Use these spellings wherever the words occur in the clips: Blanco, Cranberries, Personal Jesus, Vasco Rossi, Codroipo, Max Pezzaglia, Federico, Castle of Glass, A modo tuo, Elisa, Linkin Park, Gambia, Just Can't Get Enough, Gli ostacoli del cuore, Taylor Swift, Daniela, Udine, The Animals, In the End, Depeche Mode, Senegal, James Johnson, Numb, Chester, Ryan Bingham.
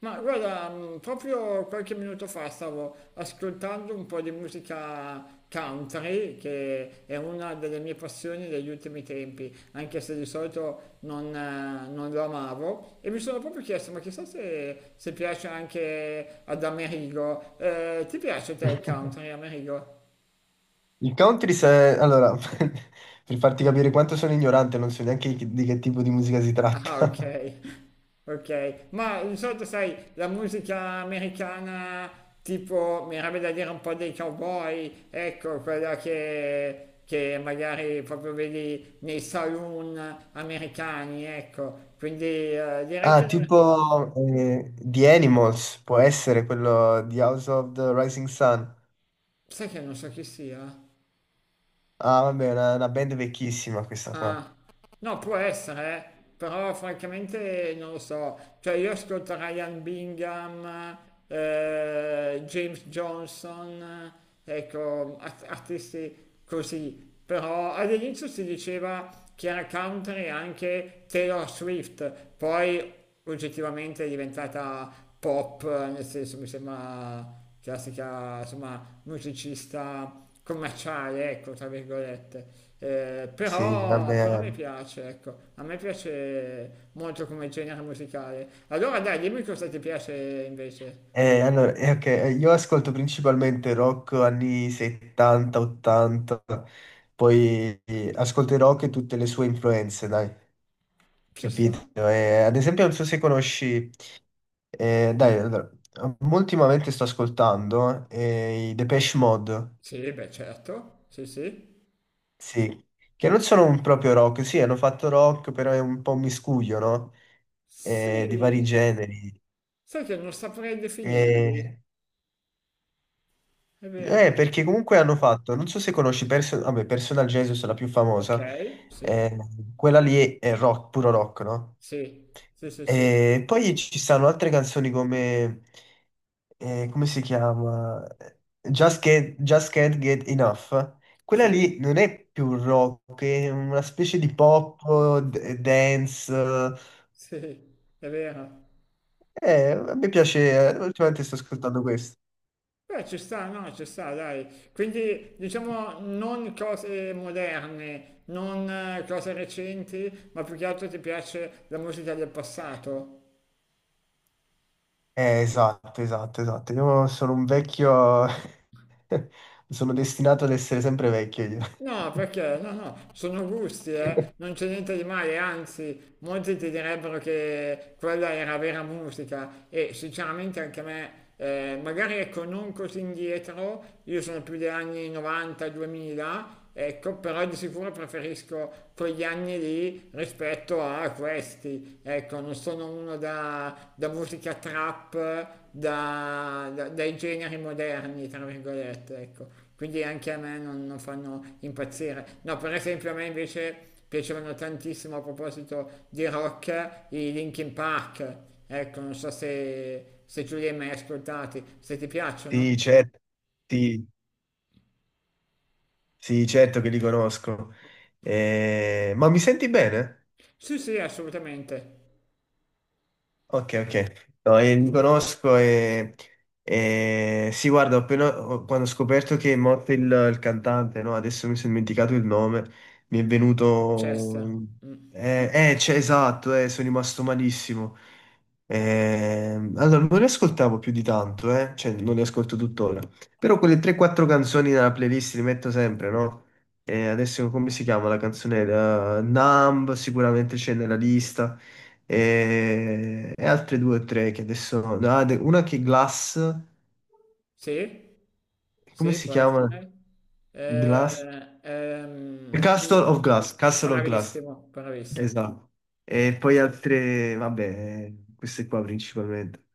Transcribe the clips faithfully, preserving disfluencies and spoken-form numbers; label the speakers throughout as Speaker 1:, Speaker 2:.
Speaker 1: Ma guarda, mh, proprio qualche minuto fa stavo ascoltando un po' di musica country, che è una delle mie passioni degli ultimi tempi, anche se di solito non, eh, non lo amavo, e mi sono proprio chiesto, ma chissà se, se piace anche ad Amerigo. Eh, ti piace te il country, Amerigo?
Speaker 2: Il country, se... allora, per farti capire quanto sono ignorante, non so neanche chi- di che tipo di musica si
Speaker 1: Ah, ok,
Speaker 2: tratta.
Speaker 1: ok. Ma di solito, sai, la musica americana, tipo, mi avrebbe da dire un po' dei cowboy, ecco, quella che, che magari proprio vedi nei saloon americani, ecco. Quindi eh, direi
Speaker 2: Ah,
Speaker 1: che...
Speaker 2: tipo eh, The Animals, può essere quello di House of the Rising Sun.
Speaker 1: Sai che non so chi sia?
Speaker 2: Ah, vabbè, è una, una band vecchissima questa qua.
Speaker 1: Ah, no, può essere, eh. Però francamente non lo so. Cioè io ascolto Ryan Bingham, eh, James Johnson, eh, ecco, art- artisti così. Però all'inizio si diceva che era country anche Taylor Swift, poi oggettivamente è diventata pop, nel senso mi sembra classica, insomma, musicista commerciale, ecco, tra virgolette. Eh,
Speaker 2: Sì,
Speaker 1: però, però
Speaker 2: vabbè.
Speaker 1: mi piace, ecco, a me piace molto come genere musicale. Allora dai, dimmi cosa ti piace invece.
Speaker 2: Eh, allora, eh, ok, eh, io ascolto principalmente rock anni settanta, ottanta, poi eh, ascolto il rock e tutte le sue influenze, dai,
Speaker 1: Ci
Speaker 2: capito?
Speaker 1: sta?
Speaker 2: Eh, ad esempio, non so se conosci... Eh, dai, allora, um, ultimamente sto ascoltando eh, i Depeche Mode,
Speaker 1: Sì, beh, certo, sì, sì.
Speaker 2: sì, che non sono un proprio rock, sì, hanno fatto rock, però è un po' un miscuglio, no? Eh, di vari
Speaker 1: Sì,
Speaker 2: generi.
Speaker 1: sai che non saprei definirli,
Speaker 2: Eh,
Speaker 1: è
Speaker 2: eh,
Speaker 1: vero.
Speaker 2: perché comunque hanno fatto, non so se conosci Person- vabbè, Personal Jesus, la più
Speaker 1: Ok,
Speaker 2: famosa,
Speaker 1: sì,
Speaker 2: eh, quella lì è rock, puro rock, no?
Speaker 1: sì, sì, sì, sì,
Speaker 2: E poi ci stanno altre canzoni come, eh, come si chiama? Just Can't, Just Can't Get Enough. Quella
Speaker 1: sì.
Speaker 2: lì non è più rock, è una specie di pop, d- dance.
Speaker 1: Sì, è vero.
Speaker 2: Eh, a me piace, eh, ultimamente sto ascoltando questo.
Speaker 1: Beh, ci sta, no, ci sta, dai. Quindi, diciamo, non cose moderne, non eh, cose recenti, ma più che altro ti piace la musica del passato.
Speaker 2: Eh, esatto, esatto, esatto. Io sono un vecchio, sono destinato ad essere sempre vecchio io.
Speaker 1: No, perché no, no, sono gusti, eh. Non c'è niente di male, anzi, molti ti direbbero che quella era vera musica e sinceramente anche a me, eh, magari ecco, non così indietro, io sono più degli anni novanta-duemila, ecco, però di sicuro preferisco quegli anni lì rispetto a questi, ecco. Ecco, non sono uno da, da musica trap, da- da- dai generi moderni, tra virgolette, ecco. Quindi anche a me non, non fanno impazzire. No, per esempio a me invece piacevano tantissimo a proposito di rock i Linkin Park. Ecco, non so se, se tu li hai mai ascoltati, se ti piacciono.
Speaker 2: Sì, certo, sì, sì, certo che li conosco. Eh, ma mi senti bene?
Speaker 1: Sì, sì, assolutamente.
Speaker 2: Ok, ok. No, eh, li conosco e, e- sì, guarda, ho appena, ho- quando ho scoperto che è morto il, il cantante, no? Adesso mi sono dimenticato il nome, mi è
Speaker 1: Chester.
Speaker 2: venuto...
Speaker 1: Mm.
Speaker 2: Eh, eh, c'è- esatto, eh, sono rimasto malissimo. Ehm, allora, non li ascoltavo più di tanto, eh? Cioè, non li ascolto tuttora. Però quelle tre quattro canzoni nella playlist li metto sempre, no? E adesso come si chiama la canzone? Eh, Numb sicuramente c'è nella lista e, e altre due o tre che adesso... no, de- una che è Glass,
Speaker 1: Sì?
Speaker 2: come
Speaker 1: Sì,
Speaker 2: si
Speaker 1: può
Speaker 2: chiama?
Speaker 1: essere.
Speaker 2: Glass?
Speaker 1: Eh, ehm, sì.
Speaker 2: Castle of Glass, Castle of Glass,
Speaker 1: Bravissimo, bravissimo.
Speaker 2: esatto. E poi altre, vabbè, queste qua principalmente.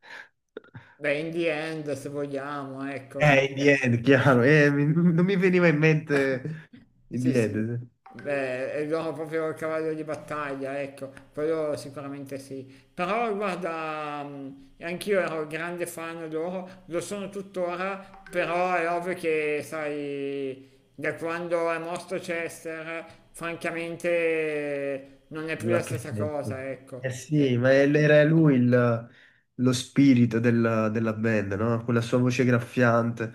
Speaker 1: Beh, in the end, se vogliamo, ecco.
Speaker 2: Eh, in the
Speaker 1: Eh,
Speaker 2: end, chiaro, eh, mi- non mi veniva in
Speaker 1: eh.
Speaker 2: mente in the
Speaker 1: Sì, sì.
Speaker 2: end.
Speaker 1: Beh, è loro proprio il cavallo di battaglia, ecco, quello sicuramente sì. Però guarda, mh, anch'io ero grande fan loro, lo sono tuttora, però è ovvio che, sai, da quando è morto Chester, francamente non è più
Speaker 2: Non ha
Speaker 1: la
Speaker 2: più
Speaker 1: stessa
Speaker 2: senso.
Speaker 1: cosa,
Speaker 2: Eh
Speaker 1: ecco.
Speaker 2: sì,
Speaker 1: E-
Speaker 2: ma è-
Speaker 1: e-
Speaker 2: era lui il- lo spirito della, della band, no? Quella sua voce graffiante.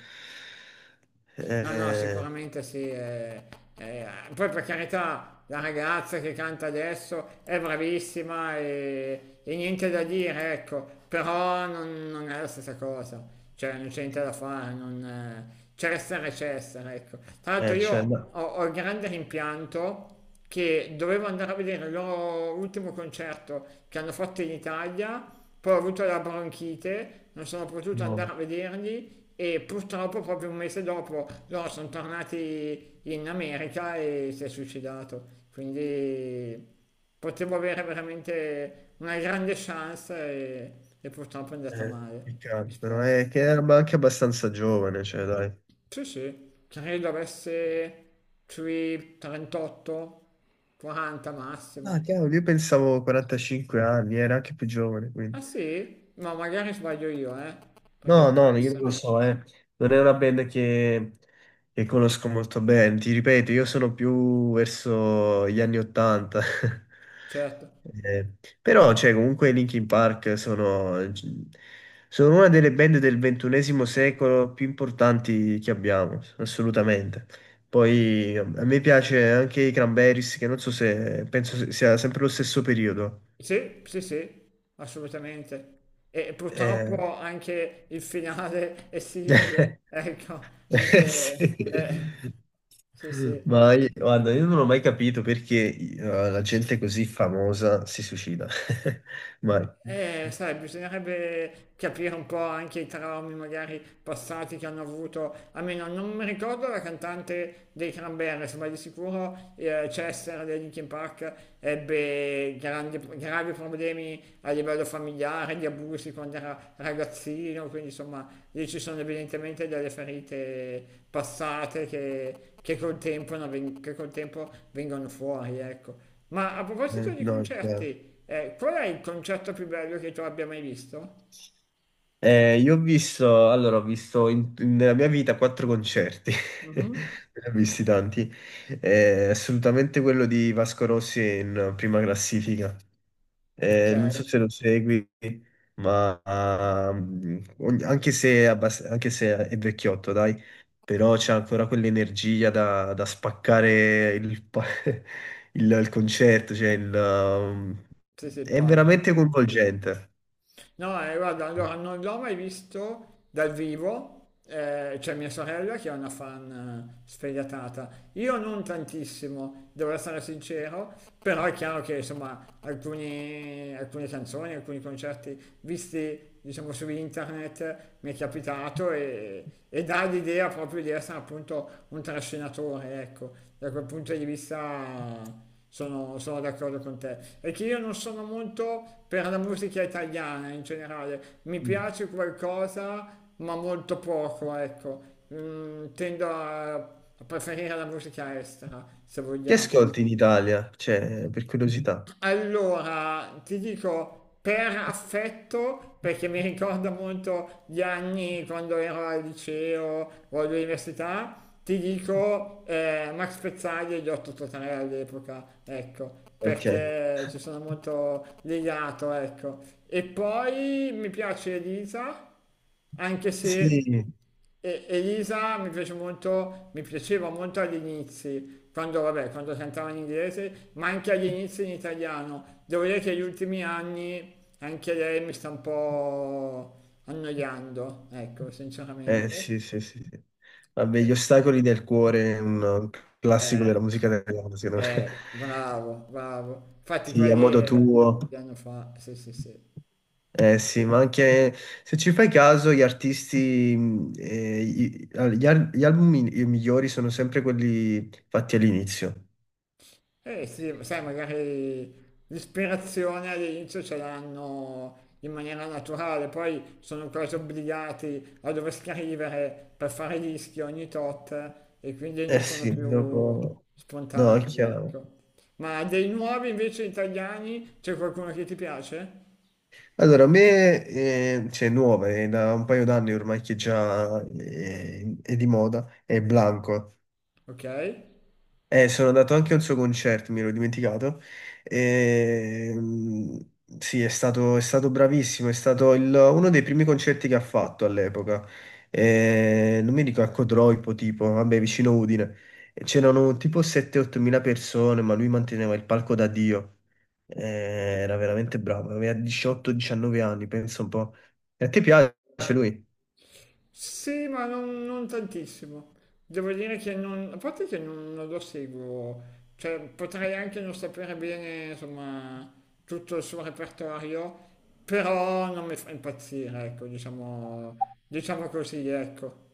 Speaker 1: No, no,
Speaker 2: Eh,
Speaker 1: sicuramente sì. Eh, eh, poi per carità, la ragazza che canta adesso è bravissima e, e niente da dire, ecco, però non, non è la stessa cosa, cioè non c'è niente da fare, non, eh, Cessare e Cessare, ecco. Tra l'altro
Speaker 2: eh, cioè,
Speaker 1: io
Speaker 2: no,
Speaker 1: ho, ho il grande rimpianto che dovevo andare a vedere il loro ultimo concerto che hanno fatto in Italia poi ho avuto la bronchite, non sono potuto andare
Speaker 2: no,
Speaker 1: a vederli e purtroppo proprio un mese dopo loro sono tornati in America e si è suicidato. Quindi potevo avere veramente una grande chance e, e purtroppo è andata
Speaker 2: eh,
Speaker 1: male. Mi
Speaker 2: peccato, però
Speaker 1: spiace.
Speaker 2: è che era ma anche abbastanza giovane, cioè, dai.
Speaker 1: Sì, sì, credo avesse sui trentotto, quaranta
Speaker 2: Ah,
Speaker 1: massimo.
Speaker 2: cavolo, io pensavo quarantacinque anni, era anche più giovane, quindi.
Speaker 1: Ah sì? Ma magari sbaglio io, eh? Perché
Speaker 2: No,
Speaker 1: può
Speaker 2: no, no, io non lo
Speaker 1: essere,
Speaker 2: so, eh. Non è una band che, che conosco molto bene. Ti ripeto, io sono più verso gli anni Ottanta.
Speaker 1: certo.
Speaker 2: Eh, però, cioè, comunque i Linkin Park sono, sono una delle band del ventunesimo secolo più importanti che abbiamo, assolutamente. Poi a me piace anche i Cranberries, che non so se penso se- sia sempre lo stesso periodo.
Speaker 1: Sì, sì, sì, assolutamente. E
Speaker 2: Eh,
Speaker 1: purtroppo anche il finale è simile, ecco,
Speaker 2: Eh, sì.
Speaker 1: anche... eh, sì, sì.
Speaker 2: Ma io- guarda, io non ho mai capito perché eh, la gente così famosa si suicida. Mai.
Speaker 1: Eh, sai, bisognerebbe capire un po' anche i traumi magari passati che hanno avuto, almeno non mi ricordo la cantante dei Cranberries, ma di sicuro eh, Chester dei Linkin Park ebbe grandi- gravi problemi a livello familiare, di abusi quando era ragazzino, quindi insomma lì ci sono evidentemente delle ferite passate che, che col tempo, non ven- che col tempo vengono fuori, ecco. Ma a proposito
Speaker 2: Eh,
Speaker 1: di
Speaker 2: no, è chiaro.
Speaker 1: concerti, eh, qual è il concerto più bello che tu abbia mai visto?
Speaker 2: Eh, io ho visto, allora, ho visto in- in- nella mia vita quattro concerti, ne
Speaker 1: Mhm.
Speaker 2: ho visti tanti. Eh, assolutamente quello di Vasco Rossi è in prima classifica.
Speaker 1: Ok,
Speaker 2: Eh, non so se lo segui, ma ah, ogni- anche se, è abbast- anche se è vecchiotto, dai, però c'è ancora quell'energia da, da spaccare il, pa- il- il concerto, cioè il, um,
Speaker 1: sì, sì, il
Speaker 2: è
Speaker 1: palco.
Speaker 2: veramente coinvolgente.
Speaker 1: No, eh, guarda, allora non l'ho mai visto dal vivo, eh, c'è mia sorella che è una fan eh, sfegatata. Io non tantissimo, devo essere sincero, però è chiaro che insomma alcuni- alcune canzoni, alcuni concerti visti diciamo su internet mi è capitato e, e dà l'idea proprio di essere appunto un trascinatore, ecco, da quel punto di vista sono, sono d'accordo con te. È che io non sono molto per la musica italiana in generale. Mi
Speaker 2: Mm.
Speaker 1: piace qualcosa, ma molto poco, ecco. Mm, tendo a, a preferire la musica estera, se
Speaker 2: Chi
Speaker 1: vogliamo.
Speaker 2: ascolti in Italia? Cioè, per curiosità.
Speaker 1: Allora, ti dico per affetto, perché mi ricorda molto gli anni quando ero al liceo o all'università, ti dico, eh, Max Pezzaglia gli ho totale all'epoca, ecco,
Speaker 2: Ok.
Speaker 1: perché ci sono molto legato, ecco. E poi mi piace Elisa, anche se
Speaker 2: Sì,
Speaker 1: e- Elisa mi piace molto, mi piaceva molto agli inizi, quando, vabbè, quando cantava in inglese, ma anche agli inizi in italiano. Devo dire che negli ultimi anni anche lei mi sta un po' annoiando, ecco,
Speaker 2: eh
Speaker 1: sinceramente.
Speaker 2: sì, sì, sì, sì. Vabbè, Gli ostacoli del cuore è un un classico
Speaker 1: Eh,
Speaker 2: della musica italiana, secondo me.
Speaker 1: eh, bravo, bravo. Infatti
Speaker 2: Sì, a modo
Speaker 1: quelle
Speaker 2: tuo.
Speaker 1: che anno fa, sì, sì, sì.
Speaker 2: Eh sì, ma
Speaker 1: Sì.
Speaker 2: anche se ci fai caso, gli artisti, mh, eh, i- all- gli, al- gli album mi- i migliori sono sempre quelli fatti all'inizio.
Speaker 1: Eh sì, sai, magari l'ispirazione all'inizio ce l'hanno in maniera naturale, poi sono quasi obbligati a dover scrivere per fare dischi ogni tot e quindi non eh
Speaker 2: Eh
Speaker 1: sono sì
Speaker 2: sì,
Speaker 1: più
Speaker 2: dopo... No, è
Speaker 1: spontanei,
Speaker 2: chiaro.
Speaker 1: ecco. Ma dei nuovi invece italiani c'è qualcuno che ti piace?
Speaker 2: Allora, a me, eh, cioè, nuova, è da un paio d'anni ormai che già eh, è, di moda, è Blanco.
Speaker 1: Ok?
Speaker 2: Eh, sono andato anche al suo concerto, mi ero dimenticato. Ehm, sì, è stato, è stato bravissimo, è stato il- uno dei primi concerti che ha fatto all'epoca. Eh, non mi dico a Codroipo, tipo, vabbè, vicino Udine. E c'erano tipo sette otto mila persone, ma lui manteneva il palco da Dio. Eh, era veramente bravo, aveva diciotto diciannove anni, penso un po'. E a te piace lui?
Speaker 1: Sì, ma non, non tantissimo. Devo dire che non, a parte che non, non lo seguo, cioè potrei anche non sapere bene, insomma, tutto il suo repertorio, però non mi fa impazzire, ecco, diciamo, diciamo così, ecco.